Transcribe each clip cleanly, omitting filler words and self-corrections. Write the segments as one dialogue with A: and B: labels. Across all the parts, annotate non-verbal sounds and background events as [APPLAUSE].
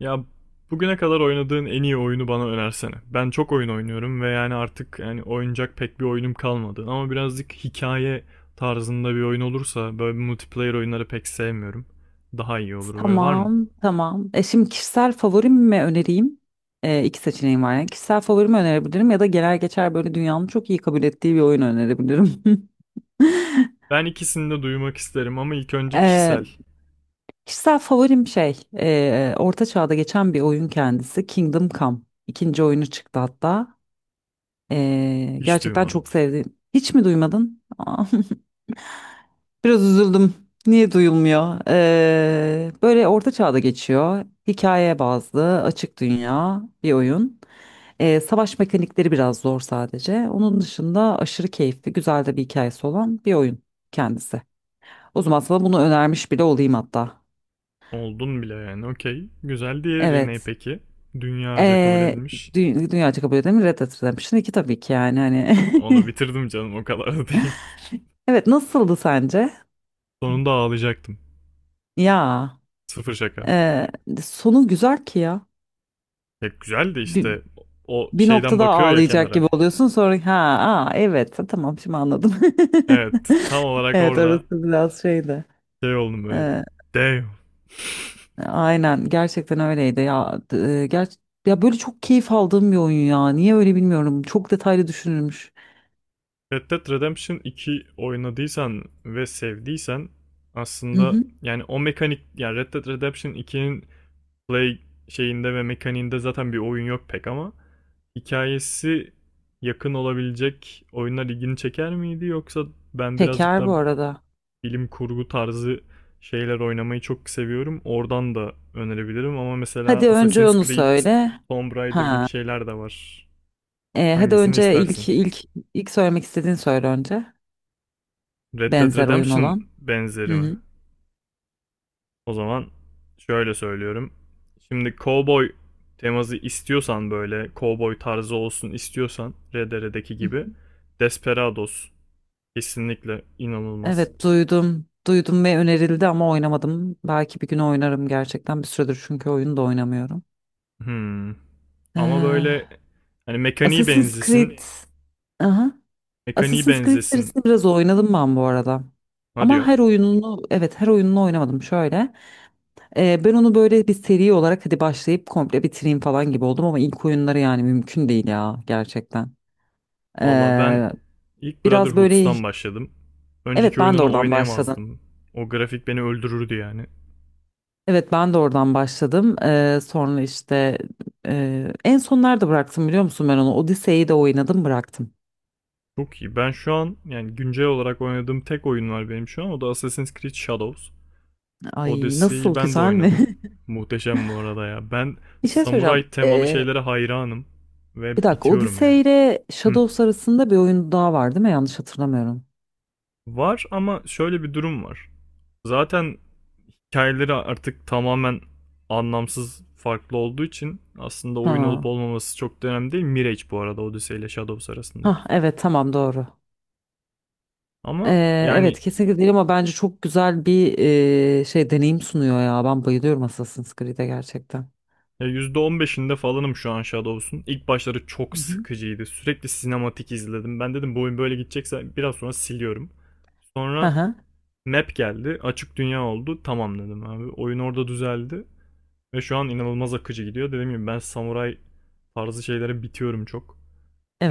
A: Ya, bugüne kadar oynadığın en iyi oyunu bana önersene. Ben çok oyun oynuyorum ve yani artık yani oynayacak pek bir oyunum kalmadı. Ama birazcık hikaye tarzında bir oyun olursa, böyle multiplayer oyunları pek sevmiyorum. Daha iyi olur, böyle var mı?
B: Tamam, tamam. Şimdi kişisel favorimi mi önereyim? İki seçeneğim var. Yani kişisel favorimi önerebilirim ya da genel geçer böyle dünyanın çok iyi kabul ettiği bir oyun önerebilirim. [LAUGHS]
A: Ben ikisini de duymak isterim ama ilk önce
B: E,
A: kişisel.
B: Kişisel favorim şey, Orta Çağ'da geçen bir oyun kendisi Kingdom Come. İkinci oyunu çıktı hatta.
A: Hiç
B: Gerçekten
A: duymadım.
B: çok sevdim. Hiç mi duymadın? [LAUGHS] Biraz üzüldüm. Niye duyulmuyor? Böyle orta çağda geçiyor. Hikaye bazlı, açık dünya bir oyun. Savaş mekanikleri biraz zor sadece. Onun dışında aşırı keyifli, güzel de bir hikayesi olan bir oyun kendisi. O zaman sana bunu önermiş bile olayım hatta.
A: Oldun bile yani, okey. Güzel, diğeri ne
B: Evet.
A: peki? Dünyaca kabul
B: Ee,
A: edilmiş.
B: dü Dünyaca kabul edilmiş Red Dead Redemption 2, tabii ki yani hani.
A: Onu
B: [LAUGHS]
A: bitirdim canım, o kadar da değil.
B: Evet, nasıldı sence?
A: [LAUGHS] Sonunda ağlayacaktım.
B: Ya,
A: Sıfır şaka.
B: e, sonu güzel ki ya.
A: Ya güzel de
B: Bi-
A: işte, o
B: bir
A: şeyden
B: noktada
A: bakıyor ya
B: ağlayacak
A: kenara.
B: gibi oluyorsun. Sonra ha, aa, evet tamam, şimdi anladım. [LAUGHS]
A: Evet, tam olarak
B: Evet,
A: orada
B: orası biraz şeydi.
A: şey oldum böyle.
B: Ee,
A: Damn.
B: aynen, gerçekten öyleydi ya. E, ger Ya, böyle çok keyif aldığım bir oyun ya. Niye öyle bilmiyorum. Çok detaylı düşünülmüş.
A: [LAUGHS] Red Dead Redemption 2 oynadıysan ve sevdiysen,
B: Hı
A: aslında
B: hı.
A: yani o mekanik, yani Red Dead Redemption 2'nin play şeyinde ve mekaniğinde zaten bir oyun yok pek, ama hikayesi yakın olabilecek oyunlar ilgini çeker miydi? Yoksa ben birazcık
B: Şeker
A: daha
B: bu arada.
A: bilim kurgu tarzı şeyler oynamayı çok seviyorum. Oradan da önerebilirim ama mesela
B: Hadi önce
A: Assassin's
B: onu
A: Creed,
B: söyle.
A: Tomb Raider gibi
B: Ha.
A: şeyler de var.
B: Hadi
A: Hangisini
B: önce
A: istersin?
B: ilk söylemek istediğin söyle önce.
A: Red Dead
B: Benzer oyun
A: Redemption
B: olan.
A: benzeri mi?
B: Hı
A: O zaman şöyle söylüyorum. Şimdi cowboy teması istiyorsan, böyle cowboy tarzı olsun istiyorsan RDR'deki
B: hı.
A: gibi, Desperados kesinlikle inanılmaz.
B: Evet, duydum. Duydum ve önerildi ama oynamadım. Belki bir gün oynarım gerçekten. Bir süredir çünkü oyunu da oynamıyorum.
A: Hmm. Ama böyle
B: Ee,
A: hani mekaniği
B: Assassin's
A: benzesin,
B: Creed. Aha.
A: mekaniği
B: Assassin's Creed
A: benzesin.
B: serisini biraz oynadım ben bu arada.
A: Ha
B: Ama
A: diyor.
B: her oyununu, evet, her oyununu oynamadım şöyle. Ben onu böyle bir seri olarak hadi başlayıp komple bitireyim falan gibi oldum ama ilk oyunları yani mümkün değil ya, gerçekten.
A: Valla ben
B: Ee,
A: ilk
B: Biraz böyle,
A: Brotherhood'dan başladım.
B: evet,
A: Önceki
B: ben de
A: oyununu
B: oradan başladım.
A: oynayamazdım. O grafik beni öldürürdü yani.
B: Evet, ben de oradan başladım. Sonra işte en son nerede bıraktım biliyor musun ben onu? Odise'yi de oynadım, bıraktım.
A: Çok iyi. Ben şu an yani güncel olarak oynadığım tek oyun var benim şu an. O da Assassin's Creed Shadows.
B: Ay,
A: Odyssey'yi
B: nasıl,
A: ben de
B: güzel mi?
A: oynadım. Muhteşem bu arada ya. Ben
B: [LAUGHS] Bir şey söyleyeceğim.
A: samuray temalı şeylere hayranım.
B: Bir
A: Ve
B: dakika,
A: bitiyorum yani.
B: Odise ile
A: Hı.
B: Shadows arasında bir oyun daha var değil mi? Yanlış hatırlamıyorum.
A: Var ama şöyle bir durum var. Zaten hikayeleri artık tamamen anlamsız farklı olduğu için aslında oyun olup
B: Ha.
A: olmaması çok da önemli değil. Mirage bu arada Odyssey ile Shadows arasındaki.
B: Ha, evet tamam, doğru.
A: Ama yani
B: Evet, kesinlikle değil ama bence çok güzel bir deneyim sunuyor ya. Ben bayılıyorum Assassin's Creed'e, gerçekten.
A: %15'inde falanım şu an Shadows'un. İlk başları
B: Hı
A: çok
B: hı.
A: sıkıcıydı. Sürekli sinematik izledim. Ben dedim bu oyun böyle gidecekse biraz sonra siliyorum.
B: Hı
A: Sonra
B: hı.
A: map geldi. Açık dünya oldu. Tamam dedim abi. Oyun orada düzeldi. Ve şu an inanılmaz akıcı gidiyor. Dediğim gibi ben samuray tarzı şeylere bitiyorum çok.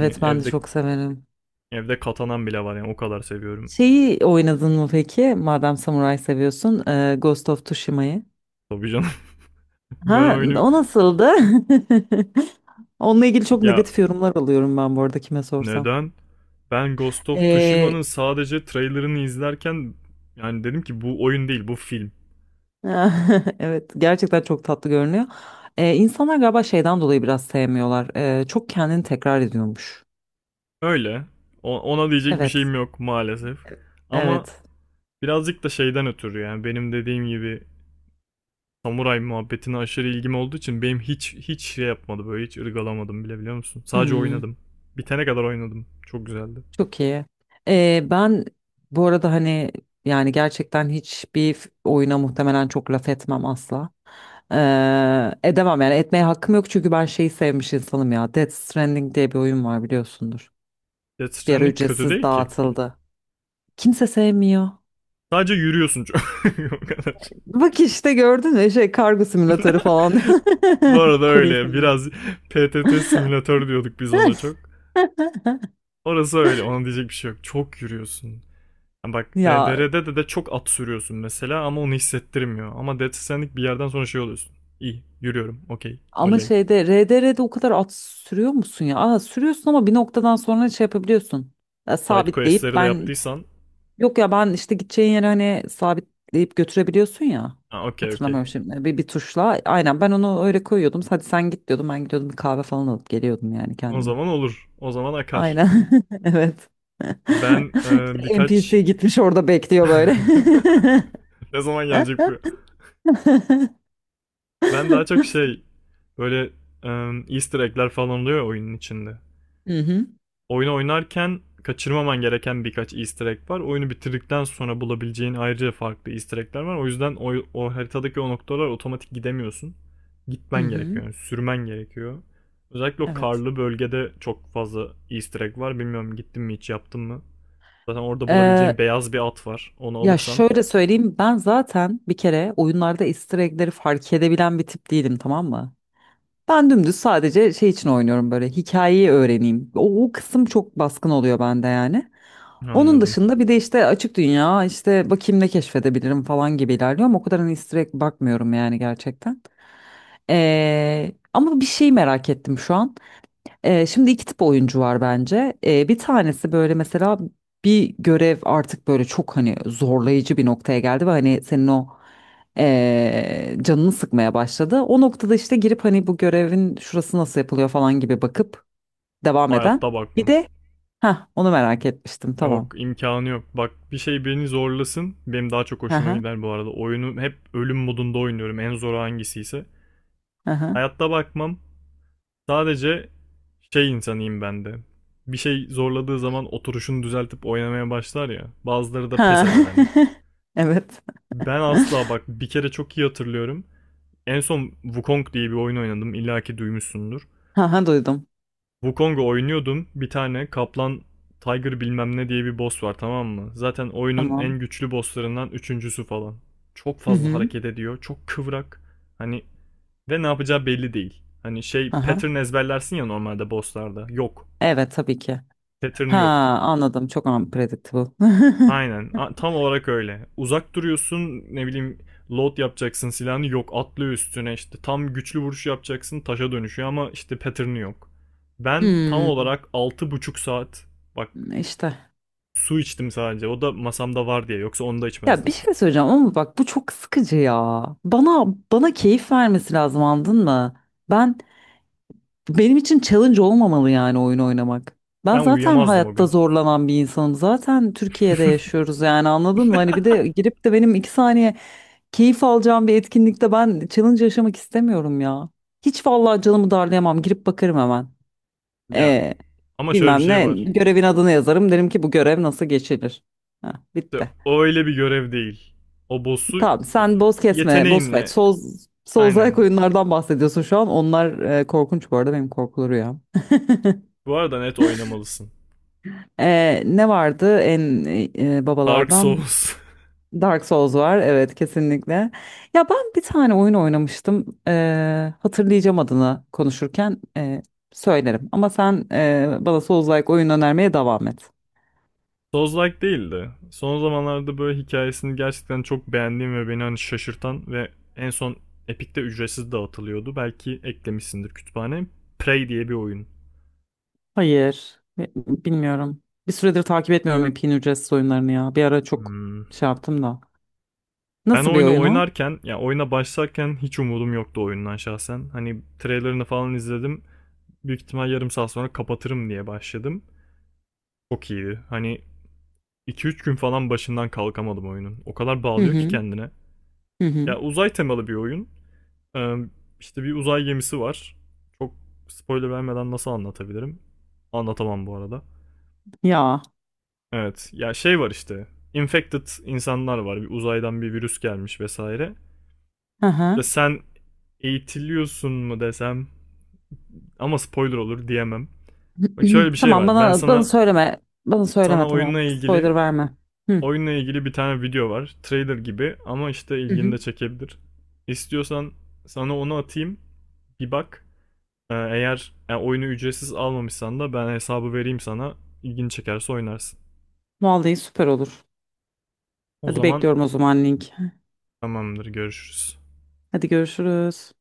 A: Hani
B: ben de
A: evde
B: çok severim.
A: Evde katanan bile var yani, o kadar seviyorum.
B: Şeyi oynadın mı peki? Madem samuray seviyorsun, Ghost of Tsushima'yı.
A: Tabii canım. [LAUGHS] Ben
B: Ha,
A: oyunu
B: o nasıldı? [LAUGHS] Onunla ilgili çok
A: Ya
B: negatif yorumlar alıyorum ben bu arada, kime sorsam.
A: neden? Ben Ghost of Tsushima'nın
B: E,
A: sadece trailerını izlerken yani dedim ki bu oyun değil, bu film.
B: [LAUGHS] evet, gerçekten çok tatlı görünüyor. İnsanlar galiba şeyden dolayı biraz sevmiyorlar. Çok kendini tekrar ediyormuş.
A: Öyle, ona diyecek bir
B: Evet,
A: şeyim yok maalesef. Ama
B: evet.
A: birazcık da şeyden ötürü, yani benim dediğim gibi, samuray muhabbetine aşırı ilgim olduğu için benim hiç şey yapmadı, böyle hiç ırgalamadım bile, biliyor musun? Sadece
B: Hmm,
A: oynadım. Bitene kadar oynadım. Çok güzeldi.
B: Çok iyi. Ben bu arada hani, yani gerçekten hiçbir oyuna muhtemelen çok laf etmem asla. Edemem yani, etmeye hakkım yok çünkü ben şeyi sevmiş insanım ya. Death Stranding diye bir oyun var, biliyorsundur.
A: Death
B: Bir ara
A: Stranding kötü
B: ücretsiz
A: değil ki.
B: dağıtıldı. Kimse sevmiyor.
A: Sadece yürüyorsun çok. [LAUGHS] o kadar.
B: Bak işte, gördün mü, şey, kargo simülatörü falan.
A: [LAUGHS]
B: [LAUGHS]
A: Bu arada
B: Kurye
A: öyle
B: simülatörü.
A: biraz PTT
B: [LAUGHS]
A: simülatör diyorduk biz ona çok. Orası öyle, ona diyecek bir şey yok. Çok yürüyorsun. Yani bak,
B: Ya,
A: RDR'de de çok at sürüyorsun mesela ama onu hissettirmiyor. Ama Dead Stranding bir yerden sonra şey oluyorsun. İyi yürüyorum, okey
B: ama
A: oley.
B: şeyde, RDR'de o kadar at sürüyor musun ya? Aa, sürüyorsun ama bir noktadan sonra şey yapabiliyorsun. Ya,
A: Side
B: sabitleyip
A: questleri de
B: ben,
A: yaptıysan.
B: yok ya, ben işte gideceğin yere hani sabitleyip götürebiliyorsun ya.
A: Ha, okey okey.
B: Hatırlamıyorum şimdi. Bir tuşla. Aynen, ben onu öyle koyuyordum. Hadi sen git diyordum. Ben gidiyordum, bir kahve falan alıp geliyordum yani
A: O
B: kendime.
A: zaman olur. O zaman akar.
B: Aynen. [LAUGHS] Evet. [LAUGHS]
A: Ben
B: İşte
A: birkaç...
B: NPC gitmiş, orada bekliyor böyle.
A: [LAUGHS]
B: [LAUGHS]
A: ne zaman gelecek bu? Ben daha çok şey, böyle e, easter egg'ler falan oluyor oyunun içinde.
B: Hı hı,
A: Oyunu oynarken kaçırmaman gereken birkaç easter egg var. Oyunu bitirdikten sonra bulabileceğin ayrıca farklı easter egg'ler var. O yüzden o haritadaki o noktalar, otomatik gidemiyorsun.
B: hı
A: Gitmen
B: hı.
A: gerekiyor, yani sürmen gerekiyor. Özellikle o
B: Evet.
A: karlı bölgede çok fazla easter egg var. Bilmiyorum, gittim mi, hiç yaptım mı? Zaten orada bulabileceğin
B: Ee,
A: beyaz bir at var. Onu
B: Ya
A: alırsan,
B: şöyle söyleyeyim, ben zaten bir kere oyunlarda easter egg'leri fark edebilen bir tip değilim, tamam mı? Ben dümdüz sadece şey için oynuyorum, böyle hikayeyi öğreneyim. O kısım çok baskın oluyor bende yani. Onun
A: anladım.
B: dışında bir de işte açık dünya, işte bakayım ne keşfedebilirim falan gibi ilerliyorum. O kadar hani easter egg bakmıyorum yani, gerçekten. Ama bir şey merak ettim şu an. Şimdi iki tip oyuncu var bence. Bir tanesi böyle, mesela bir görev artık böyle çok hani zorlayıcı bir noktaya geldi ve hani senin o canını sıkmaya başladı. O noktada işte girip hani bu görevin şurası nasıl yapılıyor falan gibi bakıp devam eden.
A: Hayatta
B: Bir
A: bakmam.
B: de, ha, onu merak etmiştim,
A: Yok,
B: tamam.
A: imkanı yok. Bak, bir şey beni zorlasın. Benim daha çok hoşuma
B: Aha,
A: gider bu arada. Oyunu hep ölüm modunda oynuyorum. En zoru hangisiyse.
B: aha.
A: Hayatta bakmam. Sadece şey insanıyım ben de. Bir şey zorladığı zaman oturuşunu düzeltip oynamaya başlar ya. Bazıları da pes
B: Ha.
A: eder hani.
B: [LAUGHS] Evet.
A: Ben asla. Bak bir kere çok iyi hatırlıyorum. En son Wukong diye bir oyun oynadım. İlla ki duymuşsundur.
B: Ha, duydum.
A: Wukong'u oynuyordum. Bir tane kaplan, Tiger bilmem ne diye bir boss var, tamam mı? Zaten oyunun
B: Tamam.
A: en güçlü bosslarından üçüncüsü falan. Çok
B: Hı
A: fazla
B: hı.
A: hareket ediyor. Çok kıvrak. Hani, ve ne yapacağı belli değil. Hani şey,
B: Aha.
A: pattern ezberlersin ya normalde bosslarda. Yok.
B: Evet, tabii ki.
A: Pattern'ı
B: Ha,
A: yok.
B: anladım. Çok unpredictable. [LAUGHS]
A: Aynen. Tam olarak öyle. Uzak duruyorsun, ne bileyim, load yapacaksın silahını, yok atlıyor üstüne, işte tam güçlü vuruş yapacaksın taşa dönüşüyor, ama işte pattern'ı yok. Ben tam
B: Hmm,
A: olarak 6,5 saat, bak,
B: işte.
A: su içtim sadece, o da masamda var diye, yoksa onu da
B: Ya, bir
A: içmezdim.
B: şey söyleyeceğim ama bak, bu çok sıkıcı ya. Bana keyif vermesi lazım, anladın mı? Ben Benim için challenge olmamalı yani, oyun oynamak. Ben
A: Ben
B: zaten
A: uyuyamazdım o
B: hayatta
A: gün.
B: zorlanan bir insanım. Zaten Türkiye'de yaşıyoruz yani, anladın mı? Hani bir de girip de benim iki saniye keyif alacağım bir etkinlikte ben challenge yaşamak istemiyorum ya. Hiç vallahi, canımı darlayamam. Girip bakarım hemen.
A: Ya
B: Ee,
A: ama şöyle bir
B: Bilmem
A: şey
B: ne
A: var.
B: görevin adını yazarım. Derim ki, bu görev nasıl geçilir. Heh,
A: İşte
B: bitti.
A: o öyle bir görev değil. O boss'u
B: Tamam, sen boz kesme, boz fight,
A: yeteneğinle,
B: Souls, Souls-like
A: aynen.
B: oyunlardan bahsediyorsun şu an. Onlar korkunç bu arada, benim korkulu rüyam.
A: Bu arada net oynamalısın.
B: Ne vardı en
A: Dark
B: babalardan?
A: Souls.
B: Dark Souls var, evet, kesinlikle. Ya, ben bir tane oyun oynamıştım. Hatırlayacağım adını, konuşurken söylerim. Ama sen bana Souls-like oyun önermeye devam et.
A: [LAUGHS] Souls-like değildi. Son zamanlarda böyle hikayesini gerçekten çok beğendiğim ve beni hani şaşırtan ve en son Epic'te ücretsiz dağıtılıyordu. Belki eklemişsindir kütüphane. Prey diye bir oyun.
B: Hayır, bilmiyorum. Bir süredir takip etmiyorum Epey'in ücretsiz oyunlarını ya. Bir ara çok
A: Hmm.
B: şey yaptım da.
A: Ben
B: Nasıl bir
A: oyunu
B: oyun o?
A: oynarken, ya yani oyuna başlarken hiç umudum yoktu oyundan şahsen. Hani trailerını falan izledim. Büyük ihtimal yarım saat sonra kapatırım diye başladım. Çok iyiydi. Hani iki üç gün falan başından kalkamadım oyunun. O kadar
B: Hı
A: bağlıyor ki
B: hı.
A: kendine.
B: Hı hı.
A: Ya uzay temalı bir oyun. Ee, işte bir uzay gemisi var. Çok spoiler vermeden nasıl anlatabilirim? Anlatamam bu arada.
B: Ya.
A: Evet, ya şey var işte. Infected insanlar var. Bir uzaydan bir virüs gelmiş vesaire.
B: Hı
A: Ve
B: hı.
A: sen eğitiliyorsun mu desem, ama spoiler olur, diyemem. Bak şöyle bir
B: [CLEARS THROAT]
A: şey
B: Tamam,
A: var. Ben
B: bana
A: sana
B: söyleme. Bana söyleme,
A: sana oyunla
B: tamam.
A: ilgili
B: Spoiler verme. Hı.
A: oyunla ilgili bir tane video var. Trailer gibi ama işte
B: Hı
A: ilgini
B: hı.
A: de çekebilir. İstiyorsan sana onu atayım. Bir bak. Eğer yani oyunu ücretsiz almamışsan da, ben hesabı vereyim sana. İlgini çekerse oynarsın.
B: Vallahi, süper olur.
A: O
B: Hadi,
A: zaman
B: bekliyorum o zaman link.
A: tamamdır, görüşürüz.
B: Hadi, görüşürüz.